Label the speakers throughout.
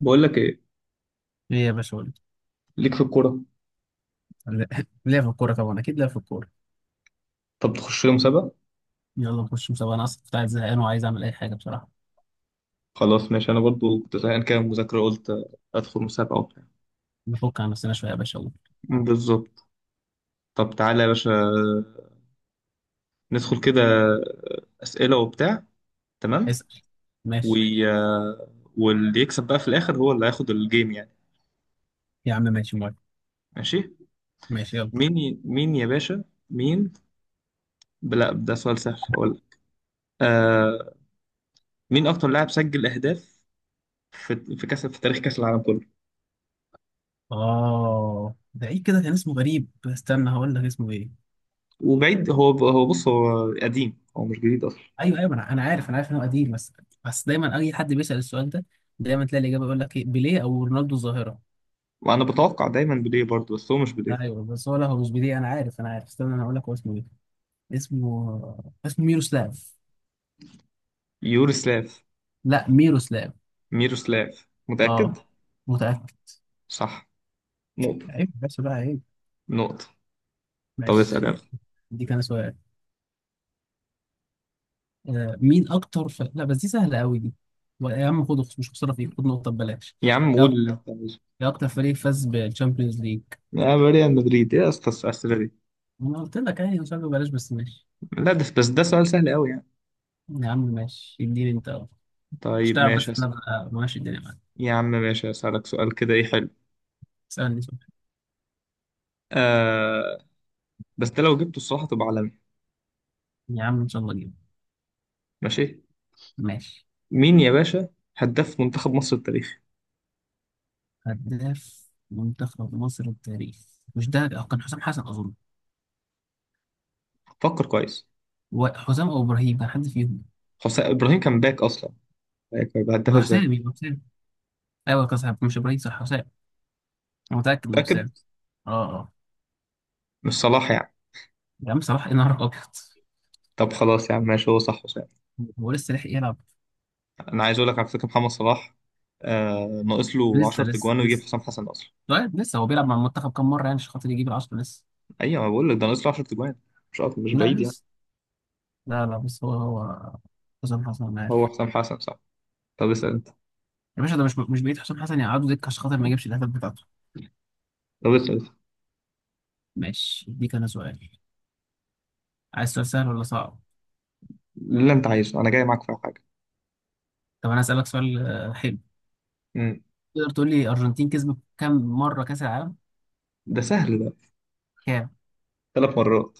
Speaker 1: بقول لك ايه؟
Speaker 2: ليه يا باشا قول
Speaker 1: ليك في الكوره.
Speaker 2: لي ليه في الكورة، طبعا أكيد ليه في الكورة.
Speaker 1: طب تخش لي مسابقه؟
Speaker 2: يلا نخش مسابقة، أنا أصلا كنت عايز زهقان وعايز أعمل أي حاجة بصراحة.
Speaker 1: خلاص ماشي، انا برضو كنت زهقان كده من المذاكره، قلت ادخل مسابقه وبتاع.
Speaker 2: نفك عن نفسنا شوية يا باشا، يلا
Speaker 1: بالظبط. طب تعالى يا باشا، ندخل كده اسئله وبتاع. تمام.
Speaker 2: اسأل.
Speaker 1: و...
Speaker 2: ماشي
Speaker 1: واللي يكسب بقى في الاخر هو اللي هياخد الجيم يعني.
Speaker 2: يا عم، ماشي موافق.
Speaker 1: ماشي.
Speaker 2: ماشي يلا.
Speaker 1: مين يا باشا؟ مين؟ لا، ده سؤال سهل، هقول. آه... مين اكتر لاعب سجل اهداف في كاس في تاريخ كاس العالم كله؟
Speaker 2: ده إيه كده؟ كان اسمه غريب، استنى هقول لك اسمه إيه.
Speaker 1: وبعيد، هو بص، هو قديم، هو مش جديد اصلا.
Speaker 2: أيوه أيوه، أنا عارف، أنا عارف إن هو قديم، بس بس دايما أي حد بيسأل السؤال ده، دايما تلاقي الإجابة يقول لك إيه، بيليه أو رونالدو الظاهرة.
Speaker 1: وانا بتوقع دايما بوديه برضه، بس هو مش بوديه.
Speaker 2: أيوه بس هو، لا هو مش بيليه. أنا عارف أنا عارف، استنى أنا هقول لك هو اسمه إيه. اسمه ميروسلاف.
Speaker 1: يوروسلاف؟
Speaker 2: لا ميروسلاف.
Speaker 1: ميروسلاف؟
Speaker 2: آه،
Speaker 1: متأكد؟
Speaker 2: متأكد.
Speaker 1: صح. نقطة.
Speaker 2: عيب بس بقى، عيب،
Speaker 1: نقطة. طب اسأل
Speaker 2: معلش.
Speaker 1: يلا.
Speaker 2: دي كان سؤال. مين اكتر لا بس دي سهله قوي دي. يا عم خد، مش خساره فيك، خد نقطه ببلاش.
Speaker 1: يا عم
Speaker 2: يا
Speaker 1: قول
Speaker 2: أك-
Speaker 1: اللي انت عايزه.
Speaker 2: يا اكتر فريق فاز بالشامبيونز ليج؟
Speaker 1: يا ريال مدريد، ايه يا اسطى الأسئلة دي؟
Speaker 2: انا قلت لك يعني مش عارف، ببلاش بس ماشي.
Speaker 1: لا ده، بس ده سؤال سهل قوي يعني.
Speaker 2: يا عم ماشي، اديني انت أهو. مش
Speaker 1: طيب
Speaker 2: تعرف
Speaker 1: ماشي
Speaker 2: بس إن
Speaker 1: اسأل.
Speaker 2: انا بقى ماشي الدنيا معاك.
Speaker 1: يا عم ماشي، اسألك سؤال كده، ايه حلو.
Speaker 2: اسالني سؤال.
Speaker 1: آه. بس ده لو جبته الصراحة تبقى عالمي.
Speaker 2: يا عم ان شاء الله اجيب.
Speaker 1: ماشي.
Speaker 2: ماشي.
Speaker 1: مين يا باشا هداف منتخب مصر التاريخي؟
Speaker 2: هداف منتخب مصر التاريخ؟ مش ده، كان حسام حسن اظن.
Speaker 1: فكر كويس.
Speaker 2: حسام او ابراهيم، كان حد فيهم.
Speaker 1: حسين ابراهيم كان باك اصلا، باك هيبقى هداف
Speaker 2: يبقى
Speaker 1: ازاي؟
Speaker 2: حسام، يبقى حسام. ايوه كان صح، مش ابراهيم، صح حسام. انا متاكد انه
Speaker 1: متأكد؟
Speaker 2: حسام. اه اه.
Speaker 1: مش صلاح يعني؟
Speaker 2: يا عم صلاح؟ ايه نهارك ابيض.
Speaker 1: طب خلاص يا عم ماشي، هو صح.
Speaker 2: هو لسه لحق يلعب؟
Speaker 1: انا عايز اقول لك على فكره محمد صلاح، ناقص له
Speaker 2: لسه
Speaker 1: 10
Speaker 2: لسه
Speaker 1: تجوان ويجيب
Speaker 2: لسه.
Speaker 1: حسام حسن اصلا.
Speaker 2: طيب لسه هو بيلعب مع المنتخب كام مره يعني عشان خاطر يجيب العشرة؟ لسه.
Speaker 1: ايوه ما بقول لك، ده ناقص له 10 تجوان، مش أكتر- مش
Speaker 2: لا
Speaker 1: بعيد يعني.
Speaker 2: لسه. لا لا، بس هو حسام حسن انا عارف.
Speaker 1: هو حسام حسن صح. طب اسال انت.
Speaker 2: يا باشا ده مش بعيد حسام حسن يقعدوا دكه عشان خاطر ما يجيبش الاهداف بتاعته.
Speaker 1: طب اسال انت
Speaker 2: ماشي دي كان سؤال. عايز سؤال سهل ولا صعب؟
Speaker 1: اللي انت عايزه، انا جاي معاك في حاجه.
Speaker 2: طب انا اسالك سؤال، حلو.
Speaker 1: امم.
Speaker 2: تقدر تقول لي ارجنتين كسبت كام مره كاس العالم؟
Speaker 1: ده سهل ده.
Speaker 2: كام؟
Speaker 1: ثلاث مرات.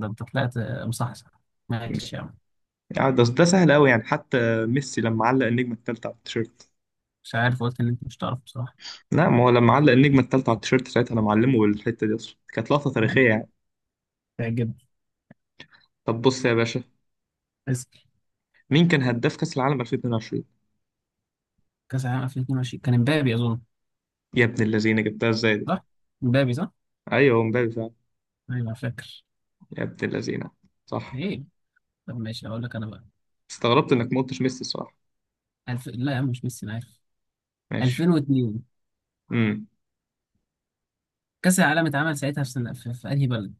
Speaker 2: ده انت طلعت مصحصح. ماشي يا عم.
Speaker 1: يعني ده سهل قوي يعني، حتى ميسي لما علق النجمه الثالثه على التيشيرت.
Speaker 2: مش عارف، قلت ان انت مش تعرف بصراحه.
Speaker 1: لا، ما هو لما علق النجمه الثالثه على التيشيرت، ساعتها انا معلمه بالحته دي، اصلا كانت لقطه
Speaker 2: يعني
Speaker 1: تاريخيه يعني.
Speaker 2: تعجب.
Speaker 1: طب بص يا باشا، مين كان هداف كاس العالم 2022؟
Speaker 2: كاس العالم 2022 كان امبابي اظن.
Speaker 1: يا ابن الذين، جبتها ازاي دي؟
Speaker 2: صح؟ امبابي صح.
Speaker 1: ايوه، هو مبابي فعلا.
Speaker 2: ايوه فاكر.
Speaker 1: يا ابن اللذينة. صح.
Speaker 2: ايه طب ماشي اقول لك انا بقى.
Speaker 1: استغربت انك ما قلتش ميسي الصراحة.
Speaker 2: لا يا عم مش ميسي انا عارف.
Speaker 1: ماشي.
Speaker 2: 2002
Speaker 1: امم.
Speaker 2: كاس العالم اتعمل ساعتها في سنة، في انهي بلد؟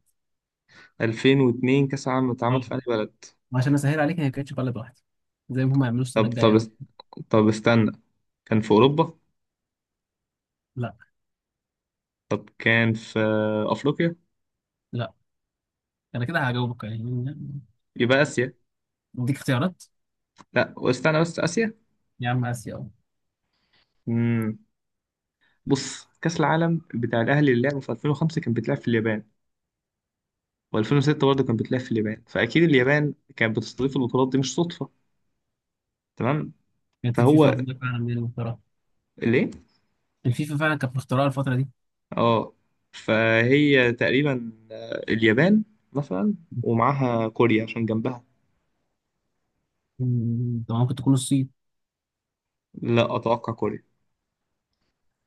Speaker 1: 2002 كأس العالم اتعمل
Speaker 2: اه،
Speaker 1: في أي بلد؟
Speaker 2: عشان اسهل عليك هي ما كانتش بلد واحده، زي ما هم يعملوش السنه
Speaker 1: طب طب
Speaker 2: الجايه كده.
Speaker 1: است- طب استنى. كان في أوروبا؟
Speaker 2: لا
Speaker 1: طب كان في أفريقيا؟
Speaker 2: لا. انا كده هجاوبك يعني،
Speaker 1: يبقى آسيا.
Speaker 2: اديك اختيارات.
Speaker 1: لا، واستنى بس، آسيا.
Speaker 2: يا عم اسيا، اه.
Speaker 1: امم. بص، كأس العالم بتاع الأهلي اللي لعبه في 2005 كان بيتلعب في اليابان، و2006 برضه كان بيتلعب في اليابان، فأكيد اليابان كانت بتستضيف البطولات دي، مش صدفة. تمام.
Speaker 2: كانت الفيفا
Speaker 1: فهو.
Speaker 2: واخدة فعلا من المخترع.
Speaker 1: ليه.
Speaker 2: الفيفا فعلا كانت مخترعه الفتره دي.
Speaker 1: اه. فهي تقريبا، اليابان مثلا، ومعاها كوريا عشان جنبها.
Speaker 2: طب ممكن تكون الصين؟
Speaker 1: لا، اتوقع كوريا.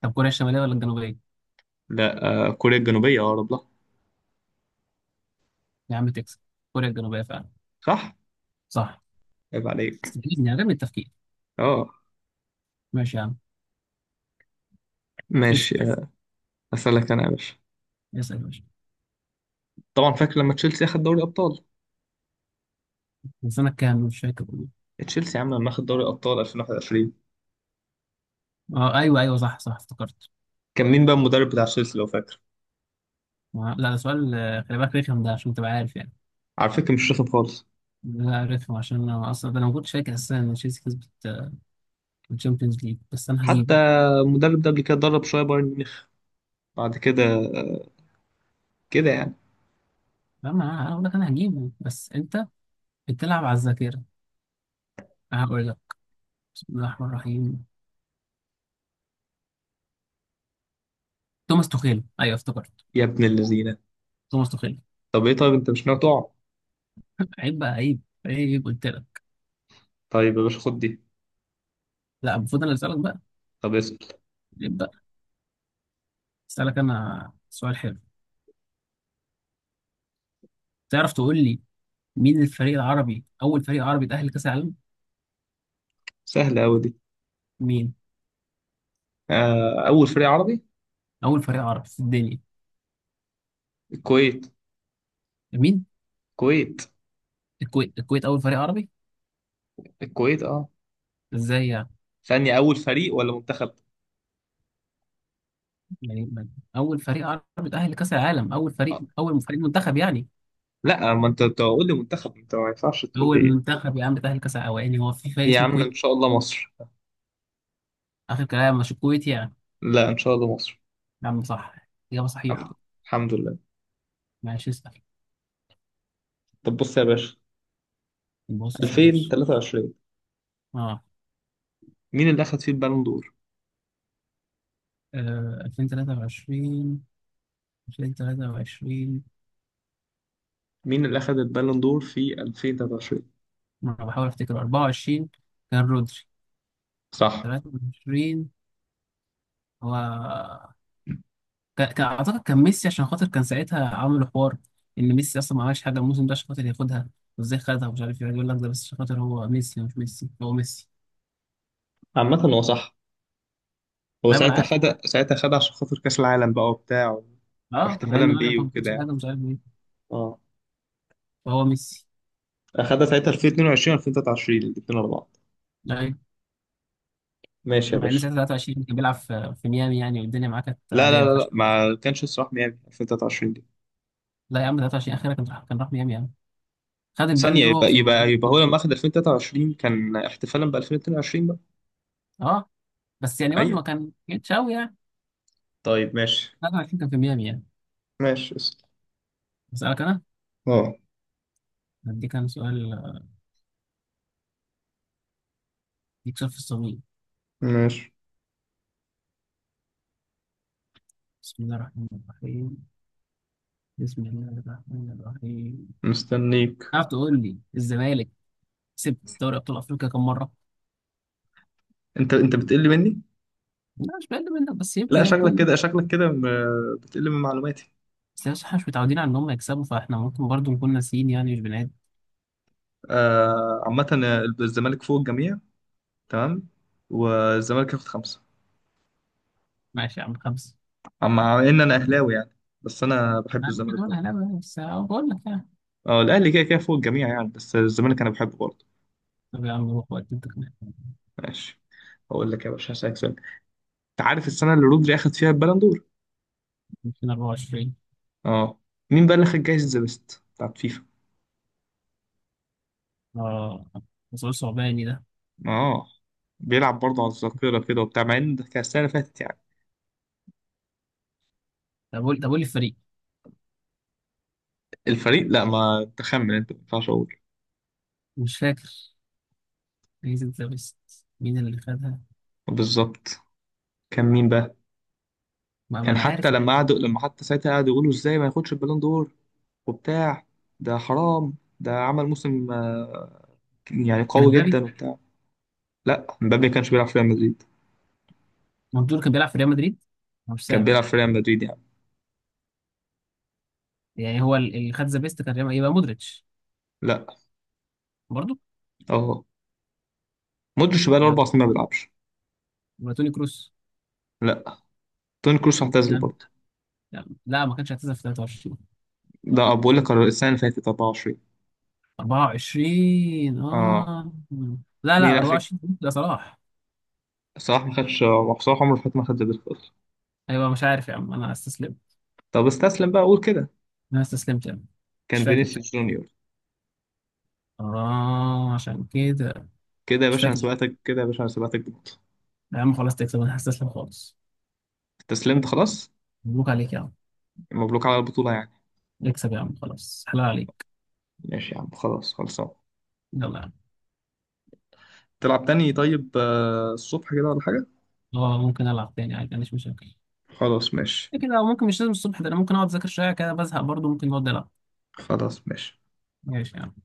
Speaker 2: طب كوريا الشماليه ولا الجنوبيه؟
Speaker 1: لا، كوريا الجنوبيه اقرب لها.
Speaker 2: يا عم تكسب، كوريا الجنوبيه فعلا.
Speaker 1: صح.
Speaker 2: صح.
Speaker 1: عيب عليك.
Speaker 2: استفيدني عدم التفكير.
Speaker 1: اه.
Speaker 2: ماشي يا عم. اسال،
Speaker 1: ماشي. اسالك انا يا باشا.
Speaker 2: اسال يا باشا.
Speaker 1: طبعا فاكر لما تشيلسي اخد دوري ابطال؟
Speaker 2: من سنة كام؟ مش فاكر والله.
Speaker 1: تشيلسي يا عم لما اخد دوري ابطال 2021،
Speaker 2: اه ايوه ايوه، صح صح، افتكرت.
Speaker 1: كان مين بقى المدرب بتاع تشيلسي لو فاكر؟
Speaker 2: لا ده سؤال، خلي بالك رخم ده عشان تبقى عارف يعني.
Speaker 1: على فكره مش رخم خالص.
Speaker 2: لا رخم عشان انا اصلا ده، انا ما كنتش فاكر اساسا ان تشيلسي كسبت، الشامبيونز ليج، بس انا هجيبه.
Speaker 1: حتى المدرب ده قبل كده درب شويه بايرن ميونخ، بعد كده كده يعني.
Speaker 2: فاهم انا، اقول لك انا هجيبه بس انت بتلعب على الذاكره. أنا هقول لك بسم الله الرحمن الرحيم. توماس توخيل، ايوه افتكرت.
Speaker 1: يا ابن اللذينه.
Speaker 2: توماس توخيل.
Speaker 1: طب ايه، طيب انت مش ناوي تقع؟
Speaker 2: عيب بقى، عيب. عيب قلت لك.
Speaker 1: طيب يا باشا خد دي.
Speaker 2: لا المفروض انا اللي اسالك بقى.
Speaker 1: طب اسال.
Speaker 2: عيب بقى. اسالك انا سؤال حلو. تعرف تقول لي مين الفريق العربي، أول فريق عربي تأهل لكأس العالم؟
Speaker 1: سهلة أوي دي.
Speaker 2: مين؟
Speaker 1: أول فريق عربي
Speaker 2: أول فريق عربي في الدنيا.
Speaker 1: الكويت.
Speaker 2: مين؟
Speaker 1: الكويت.
Speaker 2: الكويت. الكويت أول فريق عربي؟
Speaker 1: الكويت أه.
Speaker 2: إزاي يعني؟
Speaker 1: ثانية، أول فريق ولا منتخب؟
Speaker 2: يعني أول فريق عربي تأهل لكأس العالم، أول فريق،
Speaker 1: أه.
Speaker 2: منتخب يعني.
Speaker 1: لا، ما أنت تقول لي منتخب، أنت ما ينفعش تقول
Speaker 2: أول
Speaker 1: لي.
Speaker 2: منتخب يا عم تأهل لكأس العالم، يعني هو في فريق
Speaker 1: يا
Speaker 2: اسمه
Speaker 1: عم
Speaker 2: الكويت؟
Speaker 1: إن شاء الله مصر.
Speaker 2: آخر كلام مش الكويت يعني.
Speaker 1: لا إن شاء الله مصر.
Speaker 2: يا عم صح. إجابة
Speaker 1: الحمد لله.
Speaker 2: صحيحة.
Speaker 1: الحمد لله.
Speaker 2: ماشي اسأل.
Speaker 1: طب بص يا باشا،
Speaker 2: بص يا باشا.
Speaker 1: 2023
Speaker 2: آه
Speaker 1: مين اللي أخد فيه البالون دور؟
Speaker 2: 2023. 2023.
Speaker 1: مين اللي أخد البالون دور في 2023؟
Speaker 2: أنا بحاول أفتكر 24. كان رودري
Speaker 1: صح.
Speaker 2: 23. هو كان اعتقد كان ميسي عشان خاطر كان ساعتها عملوا حوار ان ميسي اصلا ما عملش حاجه الموسم ده عشان خاطر ياخدها، وازاي خدها ومش عارف ايه يقول لك ده، بس عشان خاطر هو ميسي، مش ميسي هو ميسي.
Speaker 1: عامة هو صح. هو
Speaker 2: طيب انا
Speaker 1: ساعتها
Speaker 2: عارف.
Speaker 1: خد، ساعتها خد عشان خاطر كأس العالم بقى وبتاع،
Speaker 2: اه مع
Speaker 1: واحتفالا
Speaker 2: انه قال
Speaker 1: بيه
Speaker 2: لك ما
Speaker 1: وكده
Speaker 2: بيعملش
Speaker 1: يعني.
Speaker 2: حاجه مش عارف ايه.
Speaker 1: أه.
Speaker 2: فهو ميسي.
Speaker 1: اخدها ساعتها 2022 2023 الاثنين ورا بعض.
Speaker 2: ايوه،
Speaker 1: ماشي يا
Speaker 2: مع ان
Speaker 1: باشا.
Speaker 2: ساعتها 23 كان بيلعب في ميامي يعني، والدنيا معاه كانت
Speaker 1: لا
Speaker 2: عاديه
Speaker 1: لا
Speaker 2: ما
Speaker 1: لا لا،
Speaker 2: فيهاش.
Speaker 1: ما كانش الصراحه ميامي 2023 دي.
Speaker 2: لا يا عم 23 اخيرا، كان راح ميامي يعني. خد البالون
Speaker 1: ثانية،
Speaker 2: دور هو
Speaker 1: يبقى
Speaker 2: في ميامي.
Speaker 1: يبقى يبقى هو لما اخد 2023 كان احتفالا ب 2022 بقى.
Speaker 2: اه بس يعني برضه ما
Speaker 1: ايوه.
Speaker 2: كان جيتش قوي يعني.
Speaker 1: طيب ماشي.
Speaker 2: 23 كان في ميامي يعني.
Speaker 1: ماشي اسأل.
Speaker 2: اسالك انا.
Speaker 1: اه.
Speaker 2: اديك انا سؤال، اديك سؤال في الصميم.
Speaker 1: ماشي.
Speaker 2: بسم الله الرحمن الرحيم. بسم الله الرحمن الرحيم.
Speaker 1: مستنيك.
Speaker 2: تعرف تقول لي الزمالك كسب دوري ابطال افريقيا كم مره؟
Speaker 1: انت انت بتقل مني؟
Speaker 2: لا مش بقل منك، بس يمكن
Speaker 1: لا
Speaker 2: يعني
Speaker 1: شكلك
Speaker 2: يكون.
Speaker 1: كده، شكلك كده م- بتقل من معلوماتي.
Speaker 2: بس احنا مش متعودين على ان هم يكسبوا، فاحنا ممكن برضو نكون ناسيين يعني مش بنعد.
Speaker 1: آه، عامة ال- الزمالك فوق الجميع. تمام. والزمالك ياخد خمسة.
Speaker 2: ماشي يا عم، خمسه.
Speaker 1: مع ان انا اهلاوي يعني، بس انا
Speaker 2: ما
Speaker 1: بحب
Speaker 2: أنا عامل لك
Speaker 1: الزمالك.
Speaker 2: كمان اهلاوي، بس أهو بقول لك يعني.
Speaker 1: اه الاهلي كده كده فوق الجميع يعني، بس الزمالك انا بحبه برضه.
Speaker 2: طب يا عم روح وقت انت كمان.
Speaker 1: ماشي. اقول لك يا باشا هسألك سؤال، انت عارف السنه اللي رودري اخد فيها البالون دور؟
Speaker 2: 2024.
Speaker 1: اه. مين بقى اللي خد جايزه ذا بيست بتاعت فيفا؟
Speaker 2: اه. مسؤول صعباني ده.
Speaker 1: اه. بيلعب برضه على الذاكره كده وبتاع، مع ان ده كان السنه اللي فاتت يعني.
Speaker 2: طب قول، لي الفريق.
Speaker 1: الفريق لا، ما تخمن، انت ما ينفعش اقول.
Speaker 2: مش فاكر. جايزه ذا بيست مين اللي خدها؟
Speaker 1: بالظبط. كان مين بقى؟
Speaker 2: ما
Speaker 1: كان
Speaker 2: انا
Speaker 1: حتى
Speaker 2: عارف.
Speaker 1: لما قعدوا، لما حتى ساعتها قعدوا يقولوا ازاي ما ياخدش البالون دور وبتاع، ده حرام، ده عمل موسم يعني
Speaker 2: كان
Speaker 1: قوي
Speaker 2: امبابي،
Speaker 1: جدا وبتاع. لا مبابي ما كانش بيلعب في ريال مدريد.
Speaker 2: مندور كان بيلعب في ريال مدريد. مش
Speaker 1: كان
Speaker 2: سامع.
Speaker 1: بيلعب في ريال مدريد يعني.
Speaker 2: يعني هو اللي خد ذا بيست كان يبقى مودريتش.
Speaker 1: لا.
Speaker 2: برضه.
Speaker 1: اهو. مودريتش بقى له اربع
Speaker 2: يبقى
Speaker 1: سنين ما بيلعبش.
Speaker 2: توني كروس.
Speaker 1: لا، توني كروس
Speaker 2: يا
Speaker 1: اعتزل
Speaker 2: عم.
Speaker 1: برضه.
Speaker 2: يا عم. لا ما كانش اعتزل في 23.
Speaker 1: ده بقول لك السنه اللي فاتت 24.
Speaker 2: 24
Speaker 1: اه.
Speaker 2: اه. لا
Speaker 1: مين
Speaker 2: لا
Speaker 1: اخر؟
Speaker 2: 24 ده صلاح.
Speaker 1: صلاح ما خدش، صلاح عمره فات ما خد زي بيسكوت.
Speaker 2: ايوه مش عارف يا عم، انا استسلمت.
Speaker 1: طب استسلم بقى قول كده.
Speaker 2: انا استسلمت يا عم. مش
Speaker 1: كان
Speaker 2: فاكر
Speaker 1: فينيسيوس
Speaker 2: بصراحة.
Speaker 1: جونيور.
Speaker 2: اه عشان كده.
Speaker 1: كده يا
Speaker 2: مش
Speaker 1: باشا انا
Speaker 2: فاكر.
Speaker 1: سبقتك، كده يا باشا انا سبقتك بنقطه.
Speaker 2: يا عم خلاص تكسب، انا هستسلم خالص.
Speaker 1: استسلمت خلاص.
Speaker 2: مبروك عليك يا عم.
Speaker 1: مبروك على البطوله يعني.
Speaker 2: اكسب يا عم خلاص، حلال عليك.
Speaker 1: ماشي يا عم خلاص، خلصان.
Speaker 2: يلا يا عم.
Speaker 1: تلعب تاني طيب، الصبح كده ولا حاجه؟
Speaker 2: اه ممكن العب تاني عادي، ما عنديش مشاكل.
Speaker 1: خلاص ماشي.
Speaker 2: كده كده، أو ممكن مش لازم الصبح، ده انا ممكن اقعد اذاكر شويه كده بزهق برضه، ممكن اقعد العب.
Speaker 1: خلاص ماشي.
Speaker 2: ماشي يا عم.